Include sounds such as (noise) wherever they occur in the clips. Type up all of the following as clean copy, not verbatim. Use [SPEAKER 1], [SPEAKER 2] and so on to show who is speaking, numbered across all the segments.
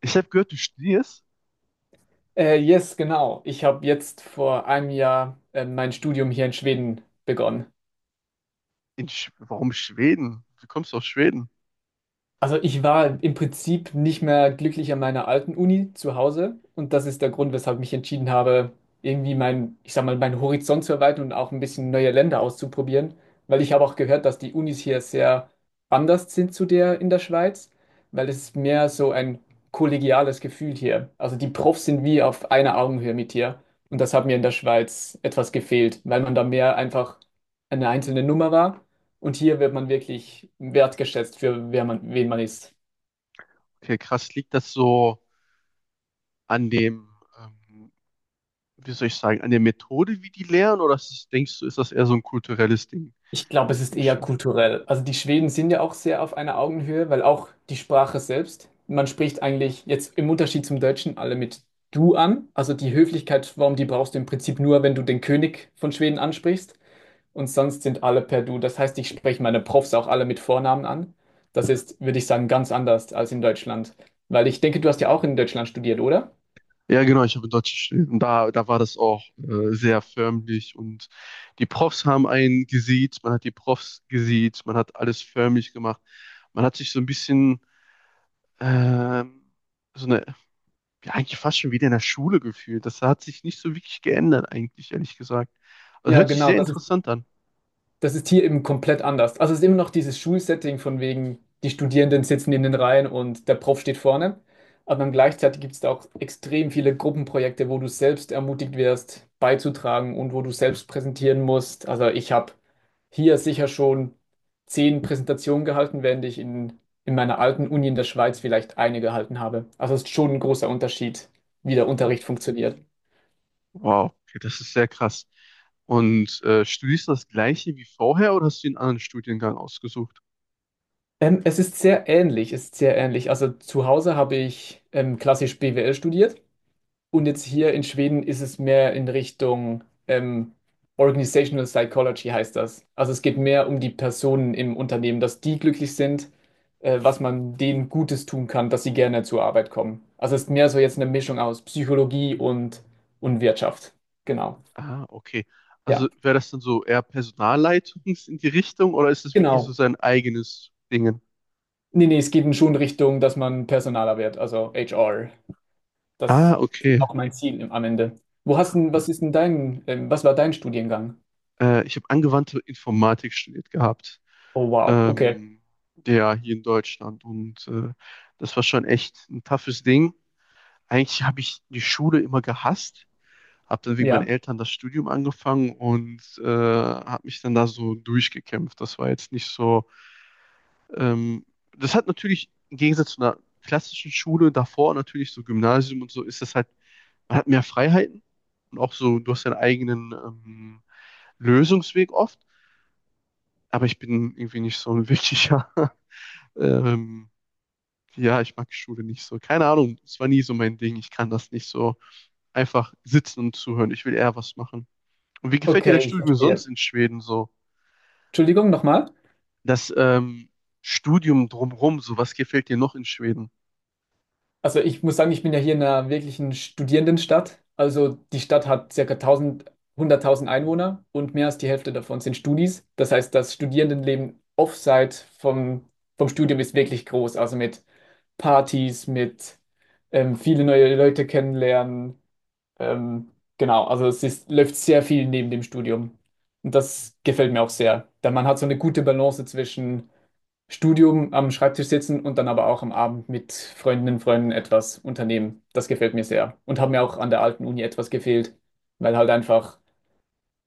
[SPEAKER 1] Ich habe gehört, du studierst
[SPEAKER 2] Yes, genau. Ich habe jetzt vor einem Jahr mein Studium hier in Schweden begonnen.
[SPEAKER 1] in Sch Warum Schweden? Du kommst aus Schweden.
[SPEAKER 2] Also ich war im Prinzip nicht mehr glücklich an meiner alten Uni zu Hause und das ist der Grund, weshalb ich mich entschieden habe, irgendwie ich sag mal, meinen Horizont zu erweitern und auch ein bisschen neue Länder auszuprobieren, weil ich habe auch gehört, dass die Unis hier sehr anders sind zu der in der Schweiz, weil es ist mehr so ein kollegiales Gefühl hier. Also die Profs sind wie auf einer Augenhöhe mit dir und das hat mir in der Schweiz etwas gefehlt, weil man da mehr einfach eine einzelne Nummer war und hier wird man wirklich wertgeschätzt für wer man, wen man ist.
[SPEAKER 1] Okay, krass. Liegt das so an dem, ähm, wie soll ich sagen, an der Methode, wie die lehren? Oder ist das, denkst du, ist das eher so ein kulturelles Ding
[SPEAKER 2] Ich glaube, es ist
[SPEAKER 1] in
[SPEAKER 2] eher
[SPEAKER 1] Schweden?
[SPEAKER 2] kulturell. Also die Schweden sind ja auch sehr auf einer Augenhöhe, weil auch die Sprache selbst, man spricht eigentlich jetzt im Unterschied zum Deutschen alle mit du an. Also die Höflichkeitsform, die brauchst du im Prinzip nur, wenn du den König von Schweden ansprichst. Und sonst sind alle per du. Das heißt, ich spreche meine Profs auch alle mit Vornamen an. Das ist, würde ich sagen, ganz anders als in Deutschland. Weil ich denke, du hast ja auch in Deutschland studiert, oder?
[SPEAKER 1] Ja, genau, ich habe in Deutsch studiert. Und da war das auch sehr förmlich. Und die Profs haben einen gesiezt, man hat die Profs gesiezt, man hat alles förmlich gemacht. Man hat sich so ein bisschen, ähm, so eine ja, eigentlich fast schon wieder in der Schule gefühlt. Das hat sich nicht so wirklich geändert, eigentlich, ehrlich gesagt. Also
[SPEAKER 2] Ja,
[SPEAKER 1] hört sich
[SPEAKER 2] genau.
[SPEAKER 1] sehr
[SPEAKER 2] Das
[SPEAKER 1] interessant an.
[SPEAKER 2] das ist hier eben komplett anders. Also es ist immer noch dieses Schulsetting von wegen, die Studierenden sitzen in den Reihen und der Prof steht vorne. Aber dann gleichzeitig gibt es da auch extrem viele Gruppenprojekte, wo du selbst ermutigt wirst, beizutragen und wo du selbst präsentieren musst. Also ich habe hier sicher schon 10 Präsentationen gehalten, während ich in meiner alten Uni in der Schweiz vielleicht eine gehalten habe. Also es ist schon ein großer Unterschied, wie der Unterricht funktioniert.
[SPEAKER 1] Wow, okay, das ist sehr krass. Und studierst du das gleiche wie vorher oder hast du einen anderen Studiengang ausgesucht?
[SPEAKER 2] Es ist sehr ähnlich, es ist sehr ähnlich. Also zu Hause habe ich klassisch BWL studiert und
[SPEAKER 1] Mhm.
[SPEAKER 2] jetzt hier in Schweden ist es mehr in Richtung Organizational Psychology heißt das. Also es geht mehr um die Personen im Unternehmen, dass die glücklich sind, was man denen Gutes tun kann, dass sie gerne zur Arbeit kommen. Also es ist mehr so jetzt eine Mischung aus Psychologie und Wirtschaft. Genau.
[SPEAKER 1] Ah, okay. Also
[SPEAKER 2] Ja,
[SPEAKER 1] wäre das dann so eher Personalleitung in die Richtung oder ist das wirklich so
[SPEAKER 2] genau.
[SPEAKER 1] sein eigenes Ding?
[SPEAKER 2] Nee, nee, es geht schon Richtung, dass man personaler wird, also HR. Das
[SPEAKER 1] Ah,
[SPEAKER 2] ist
[SPEAKER 1] okay.
[SPEAKER 2] auch mein Ziel am Ende. Wo hast denn, was ist denn was war dein Studiengang?
[SPEAKER 1] Ich habe angewandte Informatik studiert gehabt.
[SPEAKER 2] Oh wow, okay.
[SPEAKER 1] Ähm, ja, hier in Deutschland. Und das war schon echt ein toughes Ding. Eigentlich habe ich die Schule immer gehasst, habe dann wegen meinen
[SPEAKER 2] Ja,
[SPEAKER 1] Eltern das Studium angefangen und habe mich dann da so durchgekämpft. Das war jetzt nicht so. Ähm, Das hat natürlich im Gegensatz zu einer klassischen Schule davor, natürlich so Gymnasium und so, ist das halt, man hat mehr Freiheiten und auch so, du hast deinen eigenen, Lösungsweg oft, aber ich bin irgendwie nicht so ein wirklicher. (laughs) ähm, ja, ich mag Schule nicht so. Keine Ahnung, es war nie so mein Ding. Ich kann das nicht so einfach sitzen und zuhören. Ich will eher was machen. Und wie gefällt dir
[SPEAKER 2] okay,
[SPEAKER 1] das
[SPEAKER 2] ich
[SPEAKER 1] Studium
[SPEAKER 2] verstehe.
[SPEAKER 1] sonst in Schweden so?
[SPEAKER 2] Entschuldigung, nochmal.
[SPEAKER 1] Das, Studium drumherum, so was gefällt dir noch in Schweden?
[SPEAKER 2] Also ich muss sagen, ich bin ja hier in einer wirklichen Studierendenstadt. Also die Stadt hat circa 1000, 100.000 Einwohner und mehr als die Hälfte davon sind Studis. Das heißt, das Studierendenleben offside vom Studium ist wirklich groß. Also mit Partys, mit viele neue Leute kennenlernen. Ähm, genau, also es ist, läuft sehr viel neben dem Studium. Und das gefällt mir auch sehr. Denn man hat so eine gute Balance zwischen Studium am Schreibtisch sitzen und dann aber auch am Abend mit Freundinnen und Freunden etwas unternehmen. Das gefällt mir sehr. Und hat mir auch an der alten Uni etwas gefehlt, weil halt einfach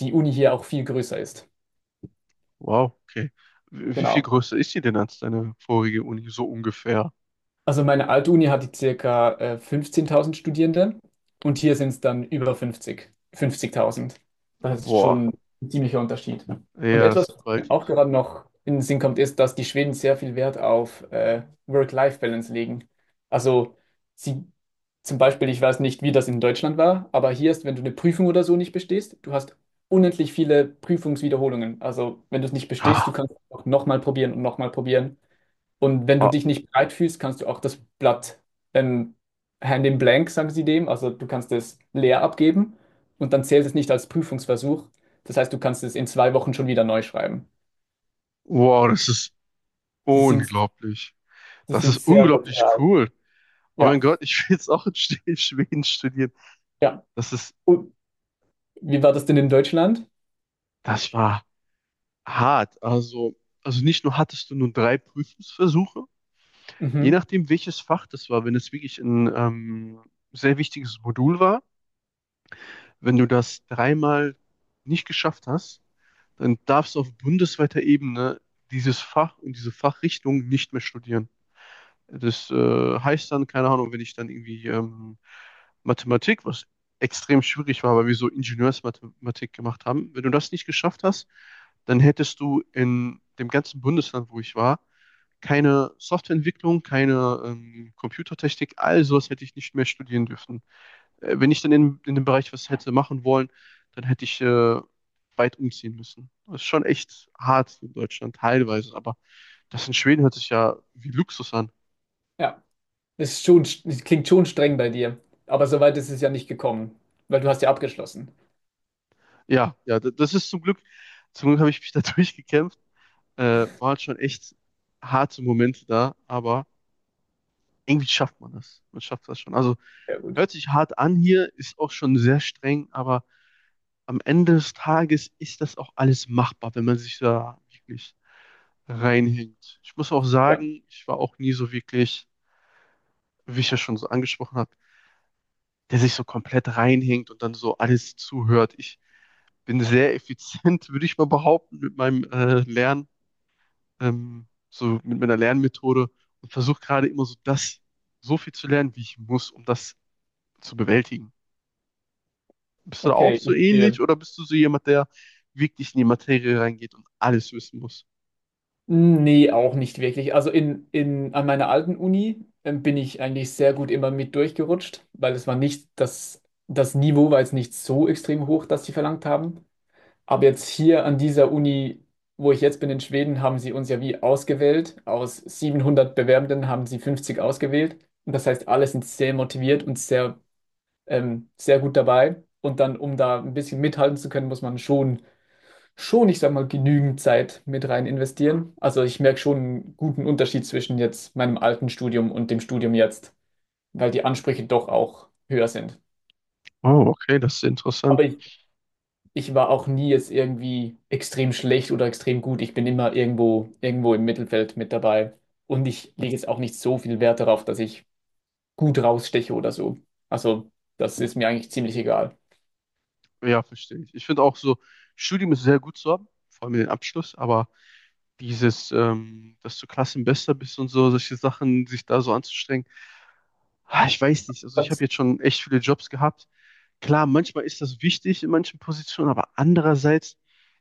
[SPEAKER 2] die Uni hier auch viel größer ist.
[SPEAKER 1] Wow, okay. Wie viel
[SPEAKER 2] Genau.
[SPEAKER 1] größer ist die denn als deine vorige Uni? So ungefähr.
[SPEAKER 2] Also meine alte Uni hatte circa 15.000 Studierende und hier sind es dann über 50, 50.000. Das ist
[SPEAKER 1] Boah,
[SPEAKER 2] schon ein ziemlicher Unterschied. Und
[SPEAKER 1] ja, das
[SPEAKER 2] etwas,
[SPEAKER 1] ist
[SPEAKER 2] was mir auch
[SPEAKER 1] gewaltig.
[SPEAKER 2] gerade noch in den Sinn kommt, ist, dass die Schweden sehr viel Wert auf Work-Life-Balance legen. Also sie zum Beispiel, ich weiß nicht, wie das in Deutschland war, aber hier ist, wenn du eine Prüfung oder so nicht bestehst, du hast unendlich viele Prüfungswiederholungen. Also wenn du es nicht bestehst, du
[SPEAKER 1] Ah,
[SPEAKER 2] kannst es auch nochmal probieren. Und wenn du
[SPEAKER 1] ah,
[SPEAKER 2] dich nicht bereit fühlst, kannst du auch das Blatt ähm, hand in blank, sagen sie dem, also du kannst es leer abgeben und dann zählt es nicht als Prüfungsversuch. Das heißt, du kannst es in 2 Wochen schon wieder neu schreiben.
[SPEAKER 1] wow, das ist
[SPEAKER 2] Sie sind,
[SPEAKER 1] unglaublich.
[SPEAKER 2] sie
[SPEAKER 1] Das
[SPEAKER 2] sind
[SPEAKER 1] ist
[SPEAKER 2] sehr, mhm,
[SPEAKER 1] unglaublich
[SPEAKER 2] sozial.
[SPEAKER 1] cool. Oh mein
[SPEAKER 2] Ja,
[SPEAKER 1] Gott, ich will jetzt auch in Schweden studieren.
[SPEAKER 2] ja.
[SPEAKER 1] Das ist,
[SPEAKER 2] Und wie war das denn in Deutschland?
[SPEAKER 1] Das war hart. Also, nicht nur hattest du nur drei Prüfungsversuche, je
[SPEAKER 2] Mhm.
[SPEAKER 1] nachdem, welches Fach das war, wenn es wirklich ein, sehr wichtiges Modul war, wenn du das dreimal nicht geschafft hast, dann darfst du auf bundesweiter Ebene dieses Fach und diese Fachrichtung nicht mehr studieren. Das heißt dann, keine Ahnung, wenn ich dann irgendwie, Mathematik, was extrem schwierig war, weil wir so Ingenieursmathematik gemacht haben, wenn du das nicht geschafft hast, dann hättest du in dem ganzen Bundesland, wo ich war, keine Softwareentwicklung, keine, Computertechnik, all sowas hätte ich nicht mehr studieren dürfen. Wenn ich dann in dem Bereich was hätte machen wollen, dann hätte ich weit umziehen müssen. Das ist schon echt hart in Deutschland, teilweise, aber das in Schweden hört sich ja wie Luxus an.
[SPEAKER 2] Ja, das ist schon, das klingt schon streng bei dir, aber soweit ist es ja nicht gekommen, weil du hast ja abgeschlossen.
[SPEAKER 1] Ja, ja, das ist zum Glück habe ich mich da (laughs) durchgekämpft. Waren schon echt harte Momente da, aber irgendwie schafft man das. Man schafft das schon. Also
[SPEAKER 2] Sehr gut.
[SPEAKER 1] hört sich hart an hier, ist auch schon sehr streng, aber am Ende des Tages ist das auch alles machbar, wenn man sich da wirklich reinhängt. Ich muss auch
[SPEAKER 2] Ja,
[SPEAKER 1] sagen, ich war auch nie so wirklich, wie ich ja schon so angesprochen habe, der sich so komplett reinhängt und dann so alles zuhört. Ich bin sehr effizient, (laughs) würde ich mal behaupten, mit meinem Lernen, so mit meiner Lernmethode, und versuche gerade immer so das, so viel zu lernen, wie ich muss, um das zu bewältigen. Bist du da auch
[SPEAKER 2] okay,
[SPEAKER 1] so
[SPEAKER 2] ich
[SPEAKER 1] ähnlich
[SPEAKER 2] sehe.
[SPEAKER 1] oder bist du so jemand, der wirklich in die Materie reingeht und alles wissen muss?
[SPEAKER 2] Nee, auch nicht wirklich. Also an meiner alten Uni bin ich eigentlich sehr gut immer mit durchgerutscht, weil es war nicht das Niveau war jetzt nicht so extrem hoch, dass sie verlangt haben. Aber jetzt hier an dieser Uni, wo ich jetzt bin in Schweden, haben sie uns ja wie ausgewählt. Aus 700 Bewerbenden haben sie 50 ausgewählt. Und das heißt, alle sind sehr motiviert und sehr, sehr gut dabei. Und dann, um da ein bisschen mithalten zu können, muss man schon, ich sag mal, genügend Zeit mit rein investieren. Also ich merke schon einen guten Unterschied zwischen jetzt meinem alten Studium und dem Studium jetzt, weil die Ansprüche doch auch höher sind.
[SPEAKER 1] Oh, okay, das ist interessant.
[SPEAKER 2] Aber ich war auch nie jetzt irgendwie extrem schlecht oder extrem gut. Ich bin immer irgendwo, irgendwo im Mittelfeld mit dabei. Und ich lege jetzt auch nicht so viel Wert darauf, dass ich gut raussteche oder so. Also das ist mir eigentlich ziemlich egal.
[SPEAKER 1] Ja, verstehe ich. Ich finde auch so, Studium ist sehr gut zu haben, vor allem den Abschluss, aber dieses, dass du Klassenbester bist und so, solche Sachen, sich da so anzustrengen, ah, ich weiß nicht. Also ich habe jetzt schon echt viele Jobs gehabt. Klar, manchmal ist das wichtig in manchen Positionen, aber andererseits,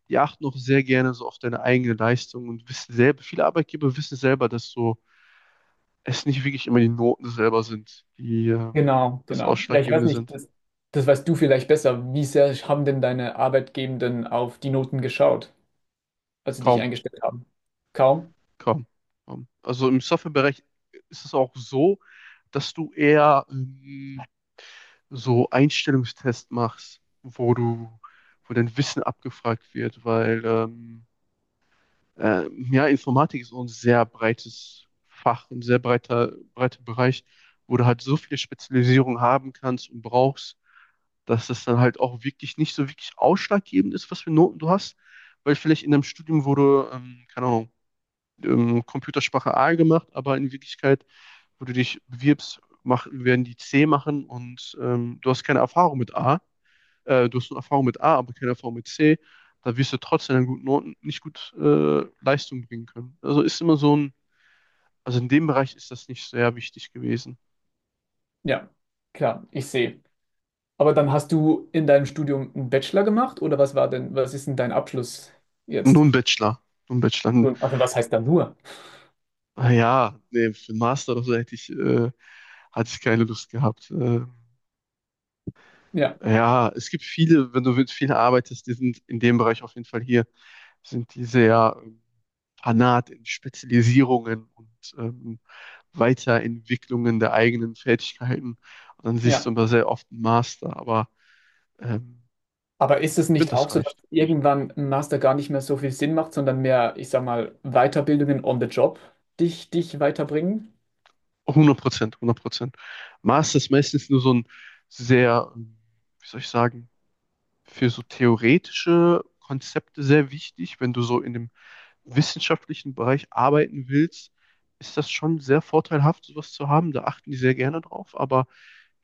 [SPEAKER 1] die achten auch sehr gerne so auf deine eigene Leistung und wissen selber, viele Arbeitgeber wissen selber, dass so es nicht wirklich immer die Noten selber sind, die
[SPEAKER 2] Genau,
[SPEAKER 1] das
[SPEAKER 2] genau. Ja, ich weiß
[SPEAKER 1] Ausschlaggebende
[SPEAKER 2] nicht,
[SPEAKER 1] sind.
[SPEAKER 2] das weißt du vielleicht besser. Wie sehr haben denn deine Arbeitgebenden auf die Noten geschaut, als sie dich
[SPEAKER 1] Kaum,
[SPEAKER 2] eingestellt haben? Kaum?
[SPEAKER 1] kaum, kaum. Also im Softwarebereich ist es auch so, dass du eher, so Einstellungstests machst, wo dein Wissen abgefragt wird, weil ja, Informatik ist so ein sehr breites Fach, ein sehr breiter, breiter Bereich, wo du halt so viele Spezialisierung haben kannst und brauchst, dass das dann halt auch wirklich nicht so wirklich ausschlaggebend ist, was für Noten du hast. Weil vielleicht in einem Studium wurde, keine Ahnung, Computersprache A gemacht, aber in Wirklichkeit, wo du dich bewirbst, werden die C machen und du hast eine Erfahrung mit A, aber keine Erfahrung mit C, da wirst du trotzdem an guten Noten nicht gut Leistung bringen können. Also ist immer also in dem Bereich ist das nicht sehr wichtig gewesen.
[SPEAKER 2] Ja, klar, ich sehe. Aber dann hast du in deinem Studium einen Bachelor gemacht oder was war denn, was ist denn dein Abschluss jetzt?
[SPEAKER 1] Nur ein Bachelor. Nur ein Bachelor.
[SPEAKER 2] Nun, also was heißt da nur?
[SPEAKER 1] Ah, ja, nee, für einen Master oder so hatte ich keine Lust gehabt.
[SPEAKER 2] Ja,
[SPEAKER 1] Ja, es gibt viele, wenn du mit vielen arbeitest, die sind in dem Bereich auf jeden Fall hier. Sind die sehr, fanat in Spezialisierungen und, Weiterentwicklungen der eigenen Fähigkeiten. Und dann siehst
[SPEAKER 2] ja.
[SPEAKER 1] du immer sehr oft einen Master, aber ähm,
[SPEAKER 2] Aber ist es
[SPEAKER 1] ich finde,
[SPEAKER 2] nicht
[SPEAKER 1] das
[SPEAKER 2] auch so, dass
[SPEAKER 1] reicht.
[SPEAKER 2] irgendwann ein Master gar nicht mehr so viel Sinn macht, sondern mehr, ich sag mal, Weiterbildungen on the job dich weiterbringen?
[SPEAKER 1] 100%, 100%. Master ist meistens nur so ein sehr, wie soll ich sagen, für so theoretische Konzepte sehr wichtig. Wenn du so in dem wissenschaftlichen Bereich arbeiten willst, ist das schon sehr vorteilhaft, sowas zu haben. Da achten die sehr gerne drauf. Aber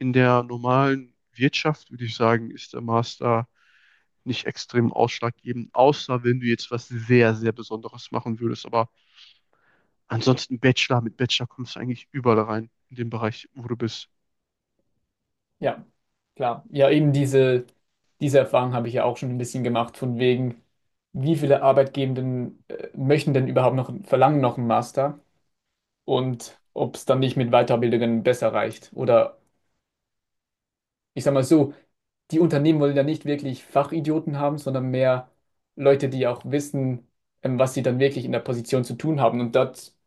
[SPEAKER 1] in der normalen Wirtschaft würde ich sagen, ist der Master nicht extrem ausschlaggebend, außer wenn du jetzt was sehr, sehr Besonderes machen würdest. Aber ansonsten Bachelor, mit Bachelor kommst du eigentlich überall rein, in dem Bereich, wo du bist.
[SPEAKER 2] Ja, klar. Ja, eben diese Erfahrung habe ich ja auch schon ein bisschen gemacht, von wegen, wie viele Arbeitgebenden möchten denn überhaupt noch, verlangen noch einen Master und ob es dann nicht mit Weiterbildungen besser reicht. Oder ich sage mal so, die Unternehmen wollen ja nicht wirklich Fachidioten haben, sondern mehr Leute, die auch wissen, was sie dann wirklich in der Position zu tun haben. Und das,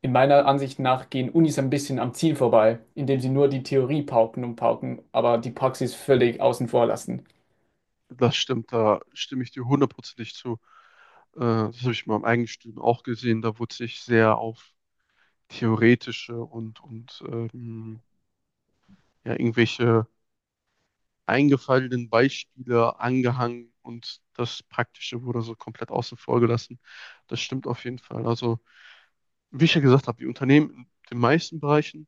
[SPEAKER 2] in meiner Ansicht nach, gehen Unis ein bisschen am Ziel vorbei, indem sie nur die Theorie pauken und pauken, aber die Praxis völlig außen vor lassen.
[SPEAKER 1] Das stimmt, da stimme ich dir hundertprozentig zu. Das habe ich in meinem eigenen Studium auch gesehen. Da wurde sich sehr auf theoretische und ja, irgendwelche eingefallenen Beispiele angehangen und das Praktische wurde so komplett außen vor gelassen. Das stimmt auf jeden Fall. Also, wie ich ja gesagt habe, die Unternehmen in den meisten Bereichen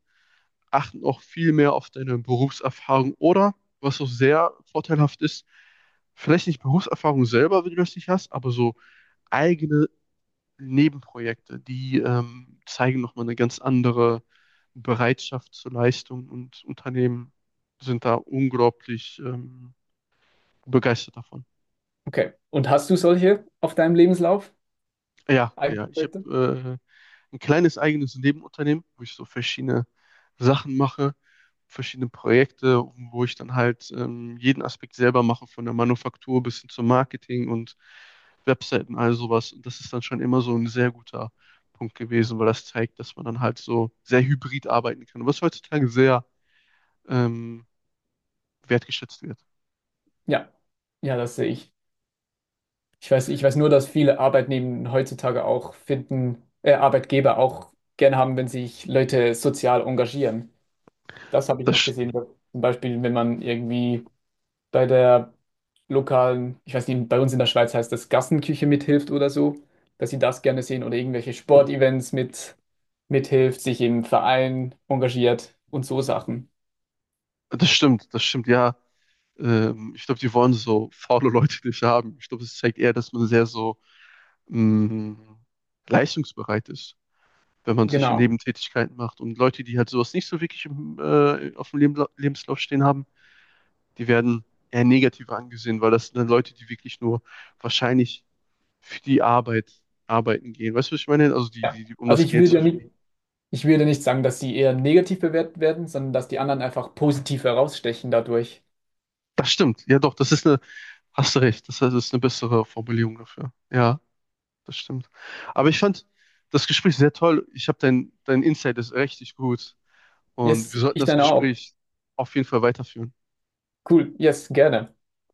[SPEAKER 1] achten auch viel mehr auf deine Berufserfahrung oder, was auch sehr vorteilhaft ist, vielleicht nicht Berufserfahrung selber, wenn du das nicht hast, aber so eigene Nebenprojekte, die, zeigen nochmal eine ganz andere Bereitschaft zur Leistung, und Unternehmen sind da unglaublich, begeistert davon.
[SPEAKER 2] Okay. Und hast du solche auf deinem Lebenslauf?
[SPEAKER 1] Ja, ja, ich
[SPEAKER 2] Eigenprojekte?
[SPEAKER 1] habe ein kleines eigenes Nebenunternehmen, wo ich so verschiedene Sachen mache, verschiedene Projekte, wo ich dann halt, jeden Aspekt selber mache, von der Manufaktur bis hin zum Marketing und Webseiten, all sowas. Und das ist dann schon immer so ein sehr guter Punkt gewesen, weil das zeigt, dass man dann halt so sehr hybrid arbeiten kann, was heutzutage sehr, ähm, wertgeschätzt wird.
[SPEAKER 2] Ja. Ja, das sehe ich. Ich weiß nur, dass viele Arbeitnehmer heutzutage auch finden, Arbeitgeber auch gern haben, wenn sich Leute sozial engagieren. Das habe ich
[SPEAKER 1] Das,
[SPEAKER 2] noch
[SPEAKER 1] sch-
[SPEAKER 2] gesehen. Zum Beispiel, wenn man irgendwie bei der lokalen, ich weiß nicht, bei uns in der Schweiz heißt das Gassenküche mithilft oder so, dass sie das gerne sehen oder irgendwelche Sportevents mithilft, sich im Verein engagiert und so Sachen.
[SPEAKER 1] Das stimmt, das stimmt, ja. Ich glaube, die wollen so faule Leute nicht haben. Ich glaube, es zeigt eher, dass man sehr so, mh, leistungsbereit ist, wenn man solche
[SPEAKER 2] Genau.
[SPEAKER 1] Nebentätigkeiten macht. Und Leute, die halt sowas nicht so wirklich auf dem Lebenslauf stehen haben, die werden eher negativer angesehen, weil das sind dann Leute, die wirklich nur wahrscheinlich für die Arbeit arbeiten gehen. Weißt du, was ich meine? Also die,
[SPEAKER 2] Ja.
[SPEAKER 1] die, die um
[SPEAKER 2] Also
[SPEAKER 1] das
[SPEAKER 2] ich
[SPEAKER 1] Geld
[SPEAKER 2] will
[SPEAKER 1] zu
[SPEAKER 2] ja nicht,
[SPEAKER 1] verdienen.
[SPEAKER 2] ich will ja nicht sagen, dass sie eher negativ bewertet werden, sondern dass die anderen einfach positiv herausstechen dadurch.
[SPEAKER 1] Das stimmt. Ja, doch, das ist eine, hast du recht, das ist eine bessere Formulierung dafür. Ja, das stimmt. Aber ich fand das Gespräch sehr toll. Dein Insight ist richtig gut. Und wir
[SPEAKER 2] Yes,
[SPEAKER 1] sollten
[SPEAKER 2] ich
[SPEAKER 1] das
[SPEAKER 2] dann auch.
[SPEAKER 1] Gespräch auf jeden Fall weiterführen.
[SPEAKER 2] Cool, yes, gerne.